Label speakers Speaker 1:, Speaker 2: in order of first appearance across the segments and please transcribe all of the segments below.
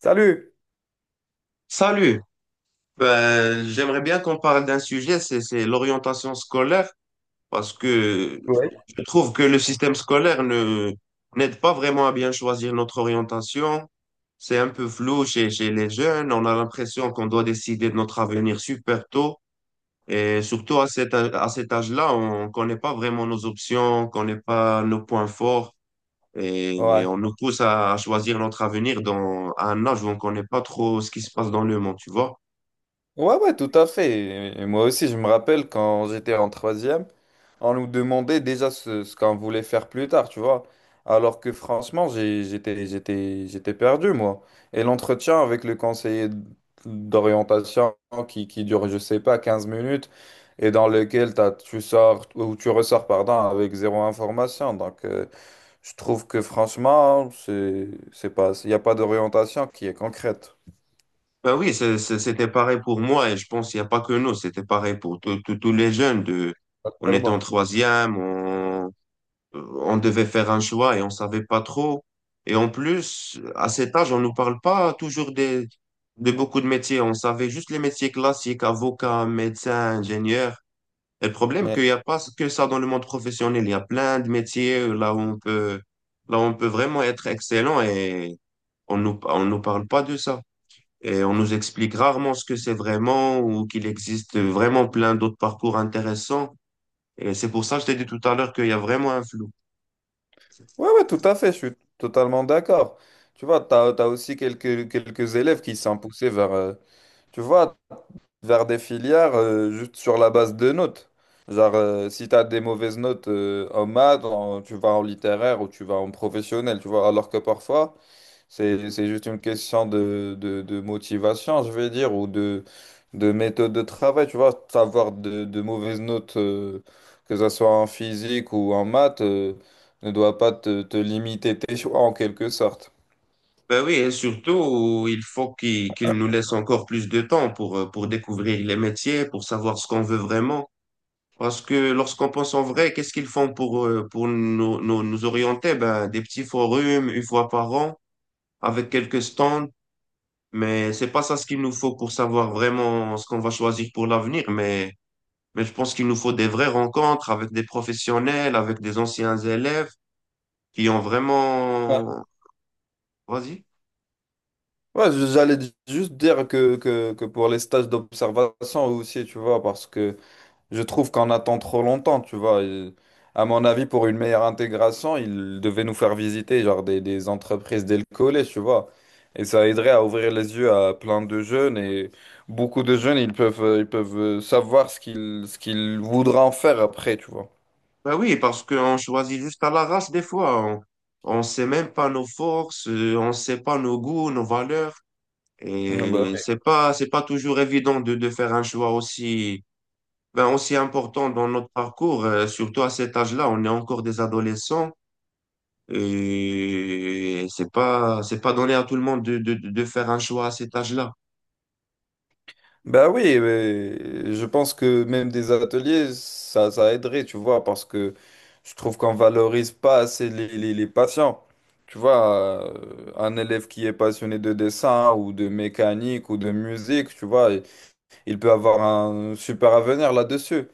Speaker 1: Salut!
Speaker 2: Salut. J'aimerais bien qu'on parle d'un sujet, c'est l'orientation scolaire, parce que
Speaker 1: Ouais.
Speaker 2: je trouve que le système scolaire ne n'aide pas vraiment à bien choisir notre orientation. C'est un peu flou chez les jeunes, on a l'impression qu'on doit décider de notre avenir super tôt, et surtout à cet âge-là, on connaît pas vraiment nos options, on connaît pas nos points forts. Et
Speaker 1: Ouais.
Speaker 2: on nous pousse à choisir notre avenir à un âge où on ne connaît pas trop ce qui se passe dans le monde, tu vois.
Speaker 1: Ouais, ouais, tout à fait. Et moi aussi, je me rappelle quand j'étais en troisième, on nous demandait déjà ce qu'on voulait faire plus tard, tu vois. Alors que franchement, j'étais perdu, moi. Et l'entretien avec le conseiller d'orientation qui dure, je sais pas, 15 minutes, et dans lequel tu sors, ou tu ressors, pardon, avec zéro information. Donc, je trouve que franchement, c'est pas, il n'y a pas d'orientation qui est concrète.
Speaker 2: Ben oui, c'était pareil pour moi et je pense qu'il n'y a pas que nous, c'était pareil pour tous les jeunes. On était en
Speaker 1: Clairement.
Speaker 2: troisième, on devait faire un choix et on savait pas trop. Et en plus, à cet âge, on nous parle pas toujours de beaucoup de métiers. On savait juste les métiers classiques, avocat, médecin, ingénieur. Et le problème,
Speaker 1: Ouais.
Speaker 2: qu'il n'y a pas que ça dans le monde professionnel. Il y a plein de métiers là où on peut vraiment être excellent et on nous parle pas de ça. Et on nous explique rarement ce que c'est vraiment ou qu'il existe vraiment plein d'autres parcours intéressants. Et c'est pour ça que je t'ai dit tout à l'heure qu'il y a vraiment un flou.
Speaker 1: Ouais, ouais, tout à fait, je suis totalement d'accord. Tu vois, aussi quelques élèves qui sont poussés vers, tu vois, vers des filières juste sur la base de notes. Genre, si tu as des mauvaises notes en maths, en- tu vas en littéraire ou tu vas en professionnel, tu vois, alors que parfois, c'est juste une question de, de motivation, je vais dire, ou de méthode de travail. Tu vois, avoir de mauvaises notes, que ce soit en physique ou en maths, ne doit pas te limiter tes choix en quelque sorte.
Speaker 2: Ben oui, et surtout, il faut qu'il nous laisse encore plus de temps pour découvrir les métiers, pour savoir ce qu'on veut vraiment. Parce que lorsqu'on pense en vrai, qu'est-ce qu'ils font pour nous orienter? Ben, des petits forums une fois par an, avec quelques stands, mais c'est pas ça ce qu'il nous faut pour savoir vraiment ce qu'on va choisir pour l'avenir. Mais je pense qu'il nous faut des vraies rencontres avec des professionnels, avec des anciens élèves qui ont
Speaker 1: Ouais,
Speaker 2: vraiment... Vas-y.
Speaker 1: ouais, juste dire que, que pour les stages d'observation aussi, tu vois, parce que je trouve qu'on attend trop longtemps, tu vois. Et à mon avis, pour une meilleure intégration, ils devaient nous faire visiter genre des entreprises dès le collège, tu vois. Et ça aiderait à ouvrir les yeux à plein de jeunes. Et beaucoup de jeunes, ils peuvent savoir ce qu'ils voudront en faire après, tu vois.
Speaker 2: Bah oui, parce qu'on choisit juste à l'arrache des fois. On ne sait même pas nos forces, on ne sait pas nos goûts, nos valeurs.
Speaker 1: Mm, bah.
Speaker 2: Et c'est pas toujours évident de faire un choix aussi, aussi important dans notre parcours, surtout à cet âge-là. On est encore des adolescents et c'est pas donné à tout le monde de faire un choix à cet âge-là.
Speaker 1: Ben oui, mais je pense que même des ateliers, ça aiderait, tu vois, parce que je trouve qu'on valorise pas assez les patients. Tu vois, un élève qui est passionné de dessin ou de mécanique ou de musique, tu vois, il peut avoir un super avenir là-dessus.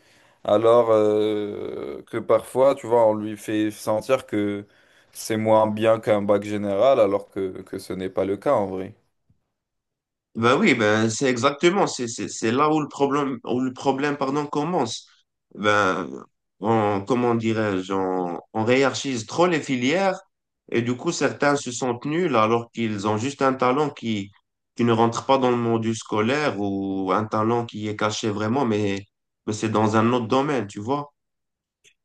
Speaker 1: Alors que parfois, tu vois, on lui fait sentir que c'est moins bien qu'un bac général, alors que ce n'est pas le cas en vrai.
Speaker 2: Ben oui, c'est exactement, c'est là où le problème pardon commence. Ben on comment dirais-je, on hiérarchise trop les filières et du coup certains se sentent nuls alors qu'ils ont juste un talent qui ne rentre pas dans le monde scolaire ou un talent qui est caché vraiment mais c'est dans un autre domaine, tu vois.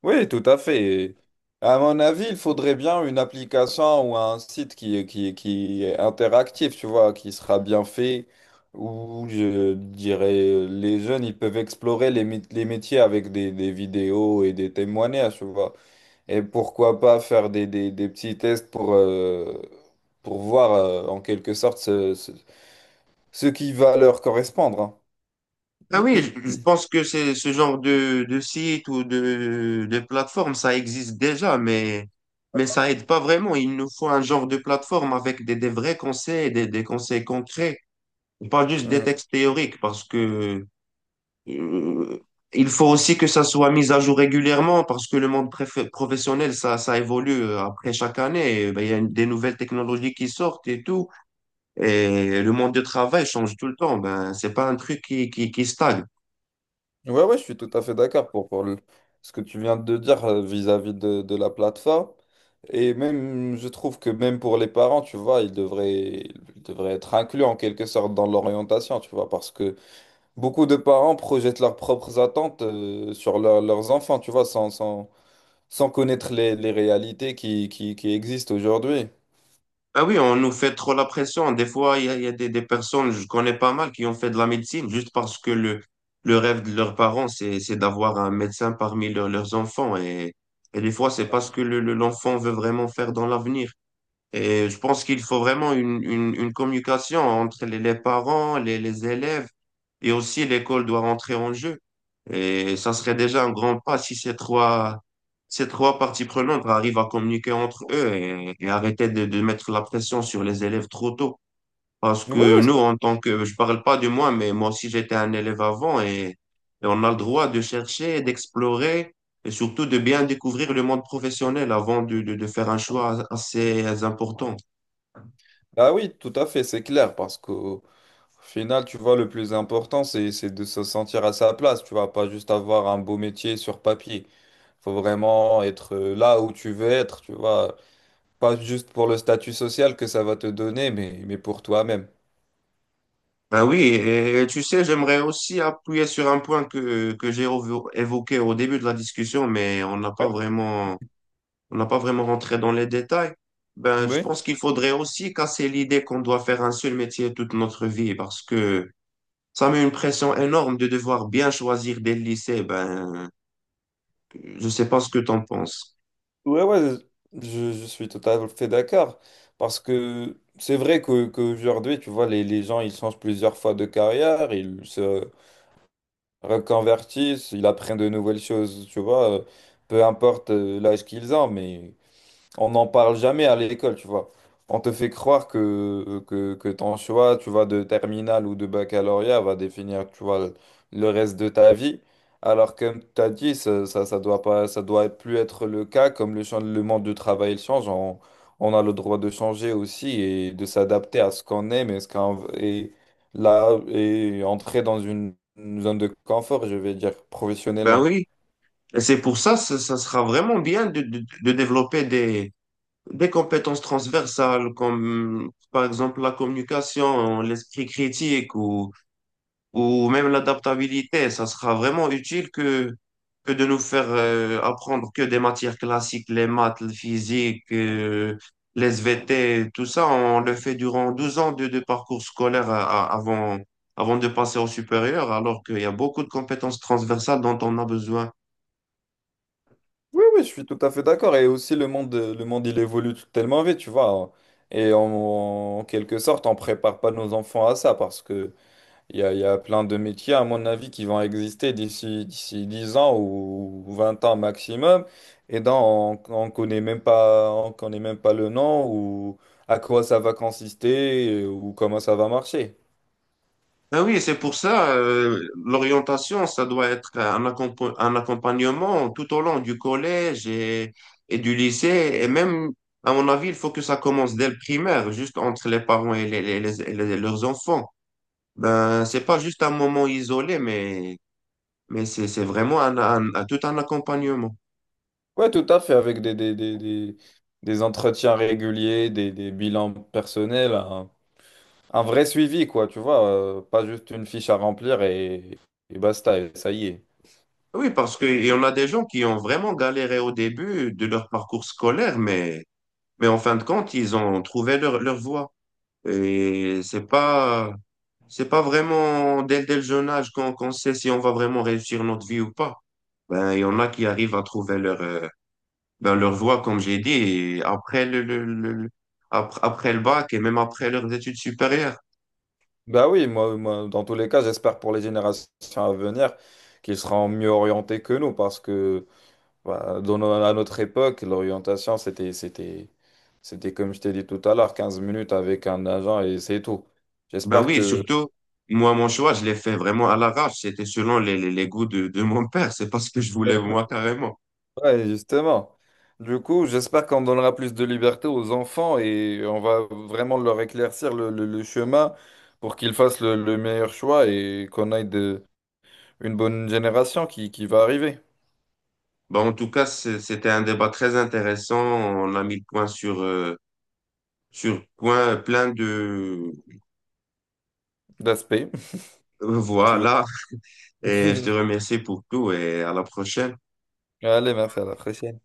Speaker 1: Oui, tout à fait. À mon avis, il faudrait bien une application ou un site qui est interactif, tu vois, qui sera bien fait, où je dirais les jeunes, ils peuvent explorer les métiers avec des vidéos et des témoignages, tu vois. Et pourquoi pas faire des petits tests pour voir, en quelque sorte, ce qui va leur correspondre.
Speaker 2: Ah oui, je pense que c'est ce genre de site ou de plateforme, ça existe déjà, mais ça aide pas vraiment. Il nous faut un genre de plateforme avec des vrais conseils, des conseils concrets, et pas juste
Speaker 1: Hein.
Speaker 2: des
Speaker 1: Hmm.
Speaker 2: textes théoriques, parce que euh, il faut aussi que ça soit mis à jour régulièrement, parce que le monde professionnel, ça évolue après chaque année. Et ben, il y a des nouvelles technologies qui sortent et tout, et le monde du travail change tout le temps. Ben, c'est pas un truc qui stagne.
Speaker 1: Ouais, ouais, je suis tout à fait d'accord pour, ce que tu viens de dire vis-à-vis de la plateforme. Et même, je trouve que même pour les parents, tu vois, ils devraient être inclus en quelque sorte dans l'orientation, tu vois, parce que beaucoup de parents projettent leurs propres attentes sur leurs enfants, tu vois, sans connaître les réalités qui existent aujourd'hui.
Speaker 2: Ah oui, on nous fait trop la pression. Des fois, il y a des personnes, je connais pas mal, qui ont fait de la médecine juste parce que le rêve de leurs parents, c'est d'avoir un médecin parmi leurs enfants. Et des fois, c'est pas ce que l'enfant veut vraiment faire dans l'avenir. Et je pense qu'il faut vraiment une communication entre les parents, les élèves et aussi l'école doit rentrer en jeu. Et ça serait déjà un grand pas si ces trois parties prenantes arrivent à communiquer entre eux et arrêter de mettre la pression sur les élèves trop tôt. Parce
Speaker 1: Oui,
Speaker 2: que
Speaker 1: oui.
Speaker 2: nous, en tant que, je parle pas de moi, mais moi aussi j'étais un élève avant et on a le droit de chercher, d'explorer et surtout de bien découvrir le monde professionnel avant de faire un choix assez important.
Speaker 1: Ah oui, tout à fait, c'est clair, parce que. Au final, tu vois, le plus important, c'est de se sentir à sa place. Tu vas pas juste avoir un beau métier sur papier. Faut vraiment être là où tu veux être, tu vois. Pas juste pour le statut social que ça va te donner, mais pour toi-même.
Speaker 2: Ben oui, et tu sais, j'aimerais aussi appuyer sur un point que évoqué au début de la discussion, on n'a pas vraiment rentré dans les détails. Ben, je
Speaker 1: Oui.
Speaker 2: pense qu'il faudrait aussi casser l'idée qu'on doit faire un seul métier toute notre vie parce que ça met une pression énorme de devoir bien choisir dès le lycée. Ben, je sais pas ce que t'en penses.
Speaker 1: Ouais, ouais, je suis tout à fait d'accord. Parce que c'est vrai qu'aujourd'hui, tu vois, les gens, ils changent plusieurs fois de carrière, ils se reconvertissent, ils apprennent de nouvelles choses, tu vois, peu importe l'âge qu'ils ont, mais on n'en parle jamais à l'école, tu vois. On te fait croire que, que ton choix, tu vois, de terminale ou de baccalauréat va définir, tu vois, le reste de ta vie. Alors, comme tu as dit, ça doit pas, ça doit plus être le cas, comme le monde du travail il change, on a le droit de changer aussi et de s'adapter à ce qu'on aime et ce qu'on, et là, et entrer dans une zone de confort, je vais dire,
Speaker 2: Ben
Speaker 1: professionnellement.
Speaker 2: oui, et c'est pour ça, ça sera vraiment bien de développer des compétences transversales comme par exemple la communication, l'esprit critique ou même l'adaptabilité, ça sera vraiment utile que de nous faire apprendre que des matières classiques, les maths, le physique, les SVT, tout ça, on le fait durant 12 ans de parcours scolaire avant, avant de passer au supérieur, alors qu'il y a beaucoup de compétences transversales dont on a besoin.
Speaker 1: Oui, oui, je suis tout à fait d'accord. Et aussi, le monde, il évolue tellement vite, tu vois. Et en quelque sorte, on prépare pas nos enfants à ça parce que il y a plein de métiers, à mon avis, qui vont exister d'ici 10 ans ou 20 ans maximum. Et on connaît même pas, le nom ou à quoi ça va consister ou comment ça va marcher.
Speaker 2: Ben oui, c'est pour ça, l'orientation, ça doit être un accompagnement tout au long du collège et du lycée. Et même, à mon avis, il faut que ça commence dès le primaire, juste entre les parents leurs enfants. Ben, c'est pas juste un moment isolé, mais c'est vraiment tout un accompagnement.
Speaker 1: Ouais, tout à fait, avec des entretiens réguliers, des bilans personnels. Hein. Un vrai suivi, quoi, tu vois, pas juste une fiche à remplir et basta, et ça y est.
Speaker 2: Oui, parce qu'il y en a des gens qui ont vraiment galéré au début de leur parcours scolaire, mais en fin de compte, ils ont trouvé leur voie. Et c'est pas... C'est pas vraiment dès le jeune âge qu'on sait si on va vraiment réussir notre vie ou pas. Ben, il y en a qui arrivent à trouver leur voie, comme j'ai dit, et après le bac et même après leurs études supérieures.
Speaker 1: Bah oui, moi, dans tous les cas, j'espère pour les générations à venir qu'ils seront mieux orientés que nous, parce que bah, dans no- à notre époque, l'orientation, c'était comme je t'ai dit tout à l'heure, 15 minutes avec un agent et c'est tout.
Speaker 2: Ben
Speaker 1: J'espère
Speaker 2: oui,
Speaker 1: que.
Speaker 2: surtout, moi, mon choix, je l'ai fait vraiment à l'arrache. C'était selon les goûts de mon père. C'est pas ce que je voulais, moi, carrément.
Speaker 1: Ouais, justement. Du coup, j'espère qu'on donnera plus de liberté aux enfants et on va vraiment leur éclaircir le chemin pour qu'ils fassent le meilleur choix et qu'on aille une bonne génération qui va arriver.
Speaker 2: Ben, en tout cas, c'était un débat très intéressant. On a mis le point sur, sur point, plein de,
Speaker 1: D'aspect, tu veux.
Speaker 2: voilà. Et je te remercie pour tout et à la prochaine.
Speaker 1: Allez, merci, à la prochaine.